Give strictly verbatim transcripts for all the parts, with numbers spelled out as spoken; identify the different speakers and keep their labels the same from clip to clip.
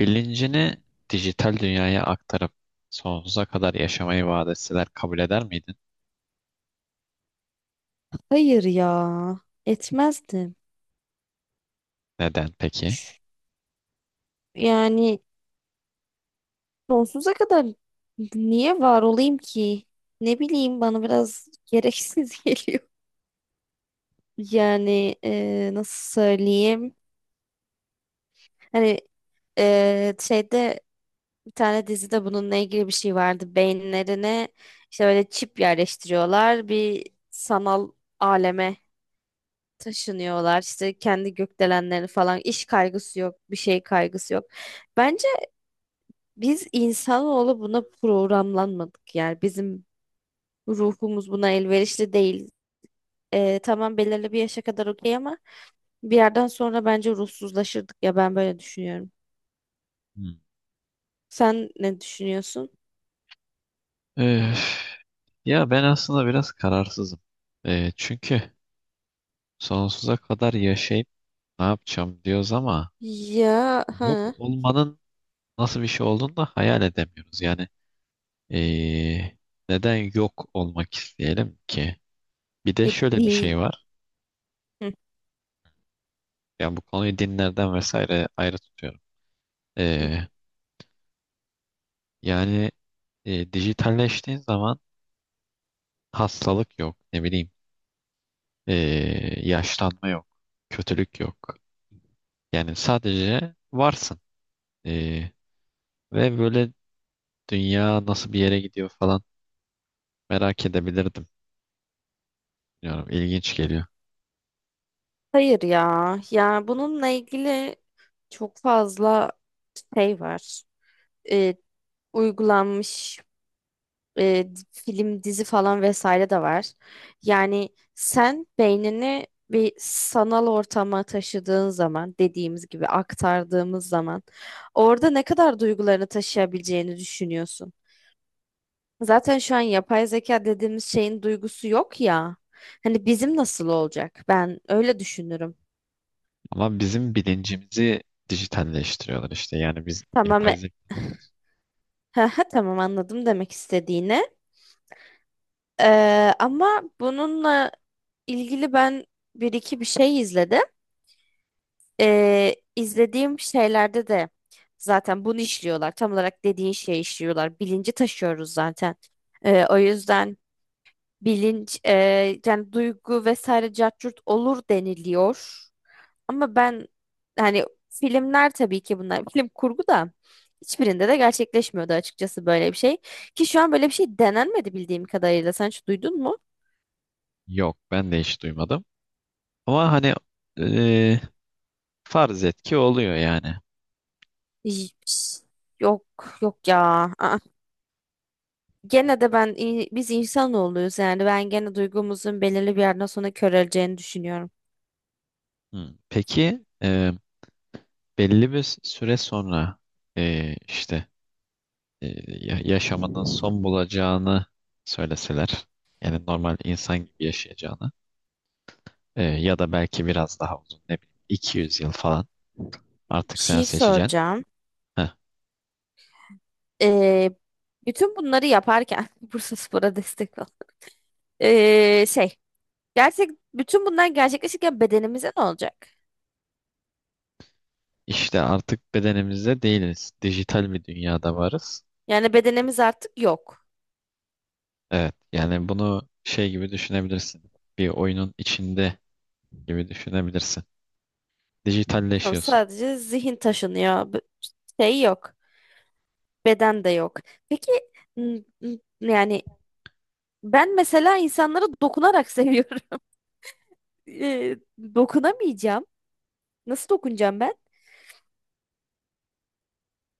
Speaker 1: Bilincini dijital dünyaya aktarıp sonsuza kadar yaşamayı vaat etseler kabul eder miydin?
Speaker 2: Hayır ya, etmezdim.
Speaker 1: Neden peki?
Speaker 2: Yani sonsuza kadar niye var olayım ki? Ne bileyim bana biraz gereksiz geliyor. Yani e, nasıl söyleyeyim? Hani e, şeyde bir tane dizide bununla ilgili bir şey vardı. Beyinlerine işte böyle çip yerleştiriyorlar. Bir sanal aleme taşınıyorlar. İşte kendi gökdelenleri falan. İş kaygısı yok, bir şey kaygısı yok. Bence Biz insanoğlu buna programlanmadık, yani bizim ruhumuz buna elverişli değil. Ee, tamam, belirli bir yaşa kadar okey, ama bir yerden sonra bence ruhsuzlaşırdık ya, ben böyle düşünüyorum.
Speaker 1: Hmm.
Speaker 2: Sen ne düşünüyorsun?
Speaker 1: Öf, ya ben aslında biraz kararsızım. Ee, çünkü sonsuza kadar yaşayıp ne yapacağım diyoruz ama
Speaker 2: Ya ha
Speaker 1: yok olmanın nasıl bir şey olduğunu da hayal edemiyoruz. Yani ee, neden yok olmak isteyelim ki? Bir de
Speaker 2: e,
Speaker 1: şöyle bir
Speaker 2: değil.
Speaker 1: şey var.
Speaker 2: Hı,
Speaker 1: Yani bu konuyu dinlerden vesaire ayrı tutuyorum.
Speaker 2: hı.
Speaker 1: Ee, yani e, dijitalleştiğin zaman hastalık yok, ne bileyim, ee, yaşlanma yok, kötülük yok. Yani sadece varsın. Ee, ve böyle dünya nasıl bir yere gidiyor falan merak edebilirdim. Bilmiyorum, ilginç geliyor.
Speaker 2: Hayır ya, ya bununla ilgili çok fazla şey var. Ee, Uygulanmış e, film, dizi falan vesaire de var. Yani sen beynini bir sanal ortama taşıdığın zaman, dediğimiz gibi aktardığımız zaman, orada ne kadar duygularını taşıyabileceğini düşünüyorsun. Zaten şu an yapay zeka dediğimiz şeyin duygusu yok ya. Hani bizim nasıl olacak? Ben öyle düşünürüm.
Speaker 1: Ama bizim bilincimizi dijitalleştiriyorlar işte. Yani biz
Speaker 2: Tamam,
Speaker 1: yapay
Speaker 2: e-
Speaker 1: zeka bilmiyoruz.
Speaker 2: tamam, anladım demek istediğini. Ee, ama bununla ilgili ben bir iki bir şey izledim. e, izlediğim şeylerde de zaten bunu işliyorlar. Tam olarak dediğin şeyi işliyorlar. Bilinci taşıyoruz zaten. E, o yüzden bilinç e, yani duygu vesaire cart curt olur deniliyor. Ama ben hani, filmler tabii ki bunlar, film kurgu da hiçbirinde de gerçekleşmiyordu açıkçası böyle bir şey. Ki şu an böyle bir şey denenmedi bildiğim kadarıyla. Sen hiç duydun mu?
Speaker 1: Yok, ben de hiç duymadım. Ama hani ee, farz et ki oluyor yani.
Speaker 2: Hiç. Yok, yok ya. Aa. Gene de ben in- biz insanoğluyuz, yani ben gene duygumuzun belirli bir yerden sonra köreleceğini düşünüyorum.
Speaker 1: Hmm, peki ee, belli bir süre sonra ee, işte. e, ya- Yaşamının son bulacağını söyleseler, yani normal insan gibi yaşayacağını, e, ya da belki biraz daha uzun, ne bileyim, iki yüz yıl falan,
Speaker 2: Bir
Speaker 1: artık sen
Speaker 2: şey
Speaker 1: seçeceksin.
Speaker 2: soracağım.
Speaker 1: Heh,
Speaker 2: Ee, Bütün bunları yaparken Bursaspor'a destek ol. Ee, şey, gerçek, bütün bunlar gerçekleşirken bedenimize ne olacak?
Speaker 1: işte artık bedenimizde değiliz. Dijital bir dünyada varız.
Speaker 2: Yani bedenimiz artık yok.
Speaker 1: Evet, yani bunu şey gibi düşünebilirsin. Bir oyunun içinde gibi düşünebilirsin.
Speaker 2: Tamam,
Speaker 1: Dijitalleşiyorsun.
Speaker 2: sadece zihin taşınıyor. B- Şey yok. Beden de yok. Peki n- n- yani ben mesela insanlara dokunarak seviyorum. Ee, Dokunamayacağım. Nasıl dokunacağım ben?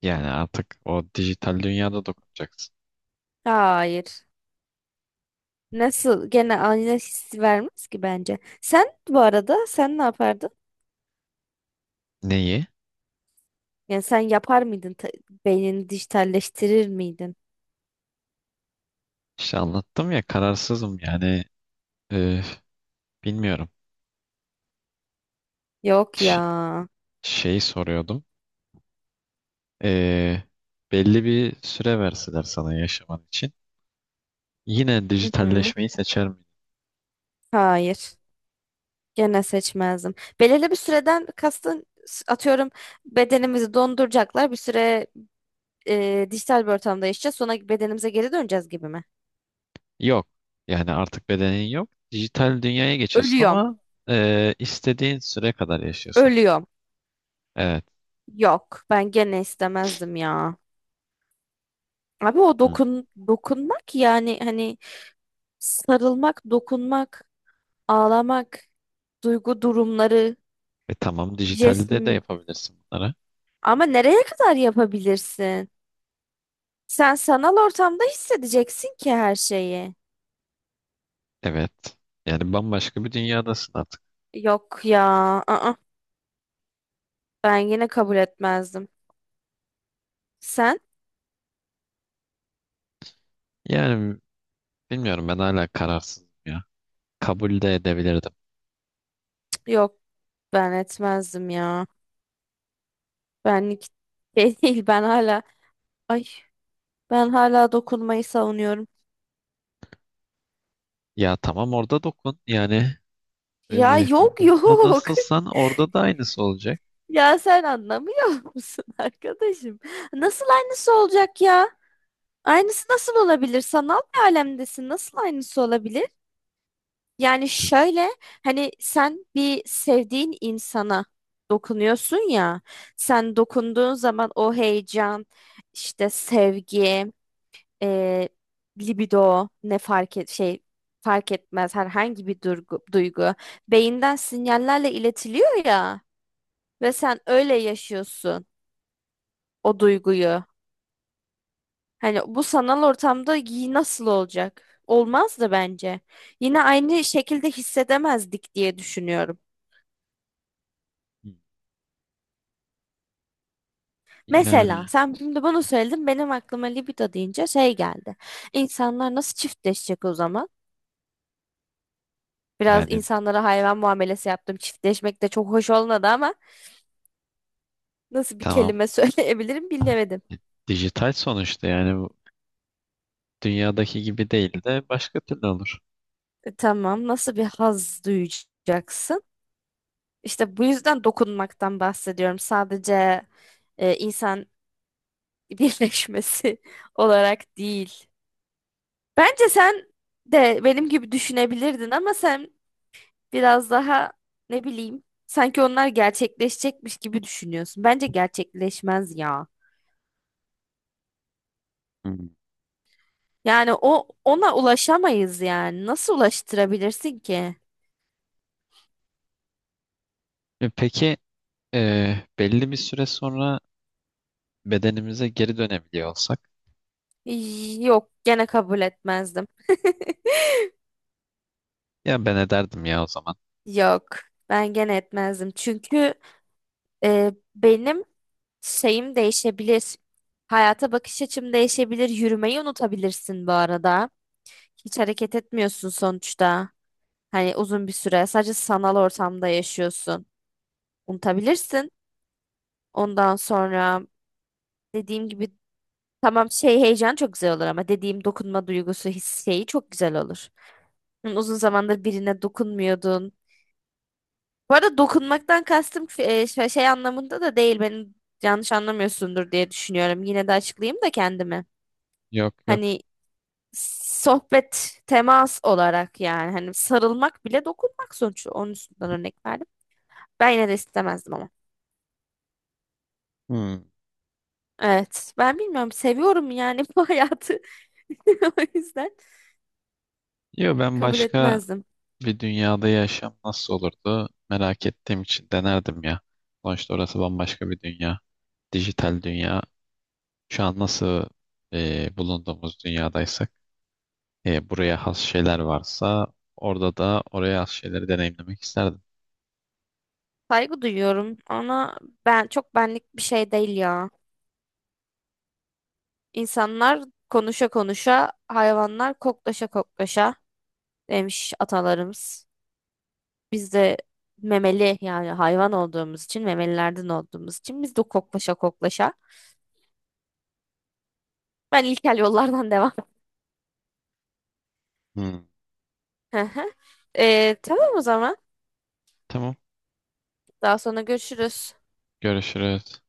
Speaker 1: Yani artık o dijital dünyada dokunacaksın.
Speaker 2: Hayır. Nasıl? Gene aynı hissi vermez ki bence. Sen bu arada, sen ne yapardın?
Speaker 1: Neyi?
Speaker 2: Yani sen yapar mıydın? Ta- Beynini dijitalleştirir miydin?
Speaker 1: İşte anlattım ya, kararsızım yani, e, bilmiyorum.
Speaker 2: Yok ya.
Speaker 1: Ş- Şeyi soruyordum. E, Belli bir süre verseler sana yaşaman için, yine
Speaker 2: Hı hı.
Speaker 1: dijitalleşmeyi seçer miydin?
Speaker 2: Hayır. Gene seçmezdim. Belirli bir süreden kastın, s- atıyorum bedenimizi donduracaklar. Bir süre e, dijital bir ortamda yaşayacağız. Sonra bedenimize geri döneceğiz gibi mi?
Speaker 1: Yok. Yani artık bedenin yok. Dijital dünyaya geçiyorsun
Speaker 2: Ölüyorum.
Speaker 1: ama e, istediğin süre kadar yaşıyorsun.
Speaker 2: Ölüyorum.
Speaker 1: Evet.
Speaker 2: Yok. Ben gene istemezdim ya. Abi o
Speaker 1: Hı.
Speaker 2: dokun dokunmak yani, hani sarılmak, dokunmak, ağlamak, duygu durumları,
Speaker 1: E tamam,
Speaker 2: jest.
Speaker 1: dijitalde de yapabilirsin bunları.
Speaker 2: Ama nereye kadar yapabilirsin? Sen sanal ortamda hissedeceksin ki her şeyi.
Speaker 1: Evet. Yani bambaşka bir dünyadasın artık.
Speaker 2: Yok ya. Aa, ben yine kabul etmezdim. Sen?
Speaker 1: Yani bilmiyorum, ben hala kararsızım ya. Kabul de edebilirdim.
Speaker 2: Cık. Yok, ben etmezdim ya. Benlik şey değil. Ben hala ay ben hala dokunmayı savunuyorum.
Speaker 1: Ya tamam, orada dokun. Yani
Speaker 2: Ya,
Speaker 1: e,
Speaker 2: yok,
Speaker 1: burada
Speaker 2: yok.
Speaker 1: nasılsan orada da aynısı olacak.
Speaker 2: Ya sen anlamıyor musun arkadaşım? Nasıl aynısı olacak ya? Aynısı nasıl olabilir? Sanal bir alemdesin. Nasıl aynısı olabilir? Yani şöyle, hani sen bir sevdiğin insana dokunuyorsun ya. Sen dokunduğun zaman o heyecan, işte sevgi, e, libido, ne fark et şey fark etmez, herhangi bir durgu- duygu beyinden sinyallerle iletiliyor ya, ve sen öyle yaşıyorsun o duyguyu. Hani bu sanal ortamda giy nasıl olacak? Olmaz da bence. Yine aynı şekilde hissedemezdik diye düşünüyorum.
Speaker 1: Yani
Speaker 2: Mesela sen şimdi bunu söyledin, benim aklıma libido deyince şey geldi. İnsanlar nasıl çiftleşecek o zaman? Biraz
Speaker 1: yani
Speaker 2: insanlara hayvan muamelesi yaptım. Çiftleşmek de çok hoş olmadı ama nasıl bir
Speaker 1: tamam.
Speaker 2: kelime söyleyebilirim bilemedim.
Speaker 1: Dijital sonuçta, yani bu dünyadaki gibi değil de başka türlü olur.
Speaker 2: E, tamam, nasıl bir haz duyacaksın? İşte bu yüzden dokunmaktan bahsediyorum. Sadece e, insan birleşmesi olarak değil. Bence sen de benim gibi düşünebilirdin, ama sen biraz daha, ne bileyim, sanki onlar gerçekleşecekmiş gibi düşünüyorsun. Bence gerçekleşmez ya.
Speaker 1: Hmm.
Speaker 2: Yani o, ona ulaşamayız yani. Nasıl ulaştırabilirsin ki?
Speaker 1: E, Peki e, belli bir süre sonra bedenimize geri dönebiliyor olsak,
Speaker 2: Y- Yok, gene kabul etmezdim.
Speaker 1: ya ben ederdim ya o zaman.
Speaker 2: Yok, ben gene etmezdim. Çünkü e, benim şeyim değişebilir. Hayata bakış açım değişebilir. Yürümeyi unutabilirsin bu arada. Hiç hareket etmiyorsun sonuçta. Hani uzun bir süre sadece sanal ortamda yaşıyorsun. Unutabilirsin. Ondan sonra, dediğim gibi, tamam, şey, heyecan çok güzel olur, ama dediğim dokunma duygusu, his şeyi çok güzel olur. Hı. Uzun zamandır birine dokunmuyordun. Bu arada dokunmaktan kastım e, şey, şey anlamında da değil. Beni yanlış anlamıyorsundur diye düşünüyorum. Yine de açıklayayım da kendimi.
Speaker 1: Yok yok.
Speaker 2: Hani sohbet, temas olarak, yani hani sarılmak bile dokunmak sonuçta. Onun üstünden örnek verdim. Ben yine de istemezdim ama.
Speaker 1: Hmm.
Speaker 2: Evet. Ben bilmiyorum. Seviyorum yani bu hayatı. O yüzden
Speaker 1: Yok, ben
Speaker 2: kabul
Speaker 1: başka
Speaker 2: etmezdim.
Speaker 1: bir dünyada yaşam nasıl olurdu merak ettiğim için denerdim ya. Sonuçta orası bambaşka bir dünya. Dijital dünya. Şu an nasıl e, bulunduğumuz dünyadaysak, e, buraya has şeyler varsa orada da oraya has şeyleri deneyimlemek isterdim.
Speaker 2: Saygı duyuyorum ama ben çok benlik bir şey değil ya. İnsanlar konuşa konuşa, hayvanlar koklaşa koklaşa demiş atalarımız. Biz de memeli, yani hayvan olduğumuz için, memelilerden olduğumuz için biz de koklaşa koklaşa. Ben ilkel yollardan devam.
Speaker 1: Hmm,
Speaker 2: Hı hı. Ee, tamam o zaman.
Speaker 1: tamam.
Speaker 2: Daha sonra görüşürüz.
Speaker 1: Görüşürüz.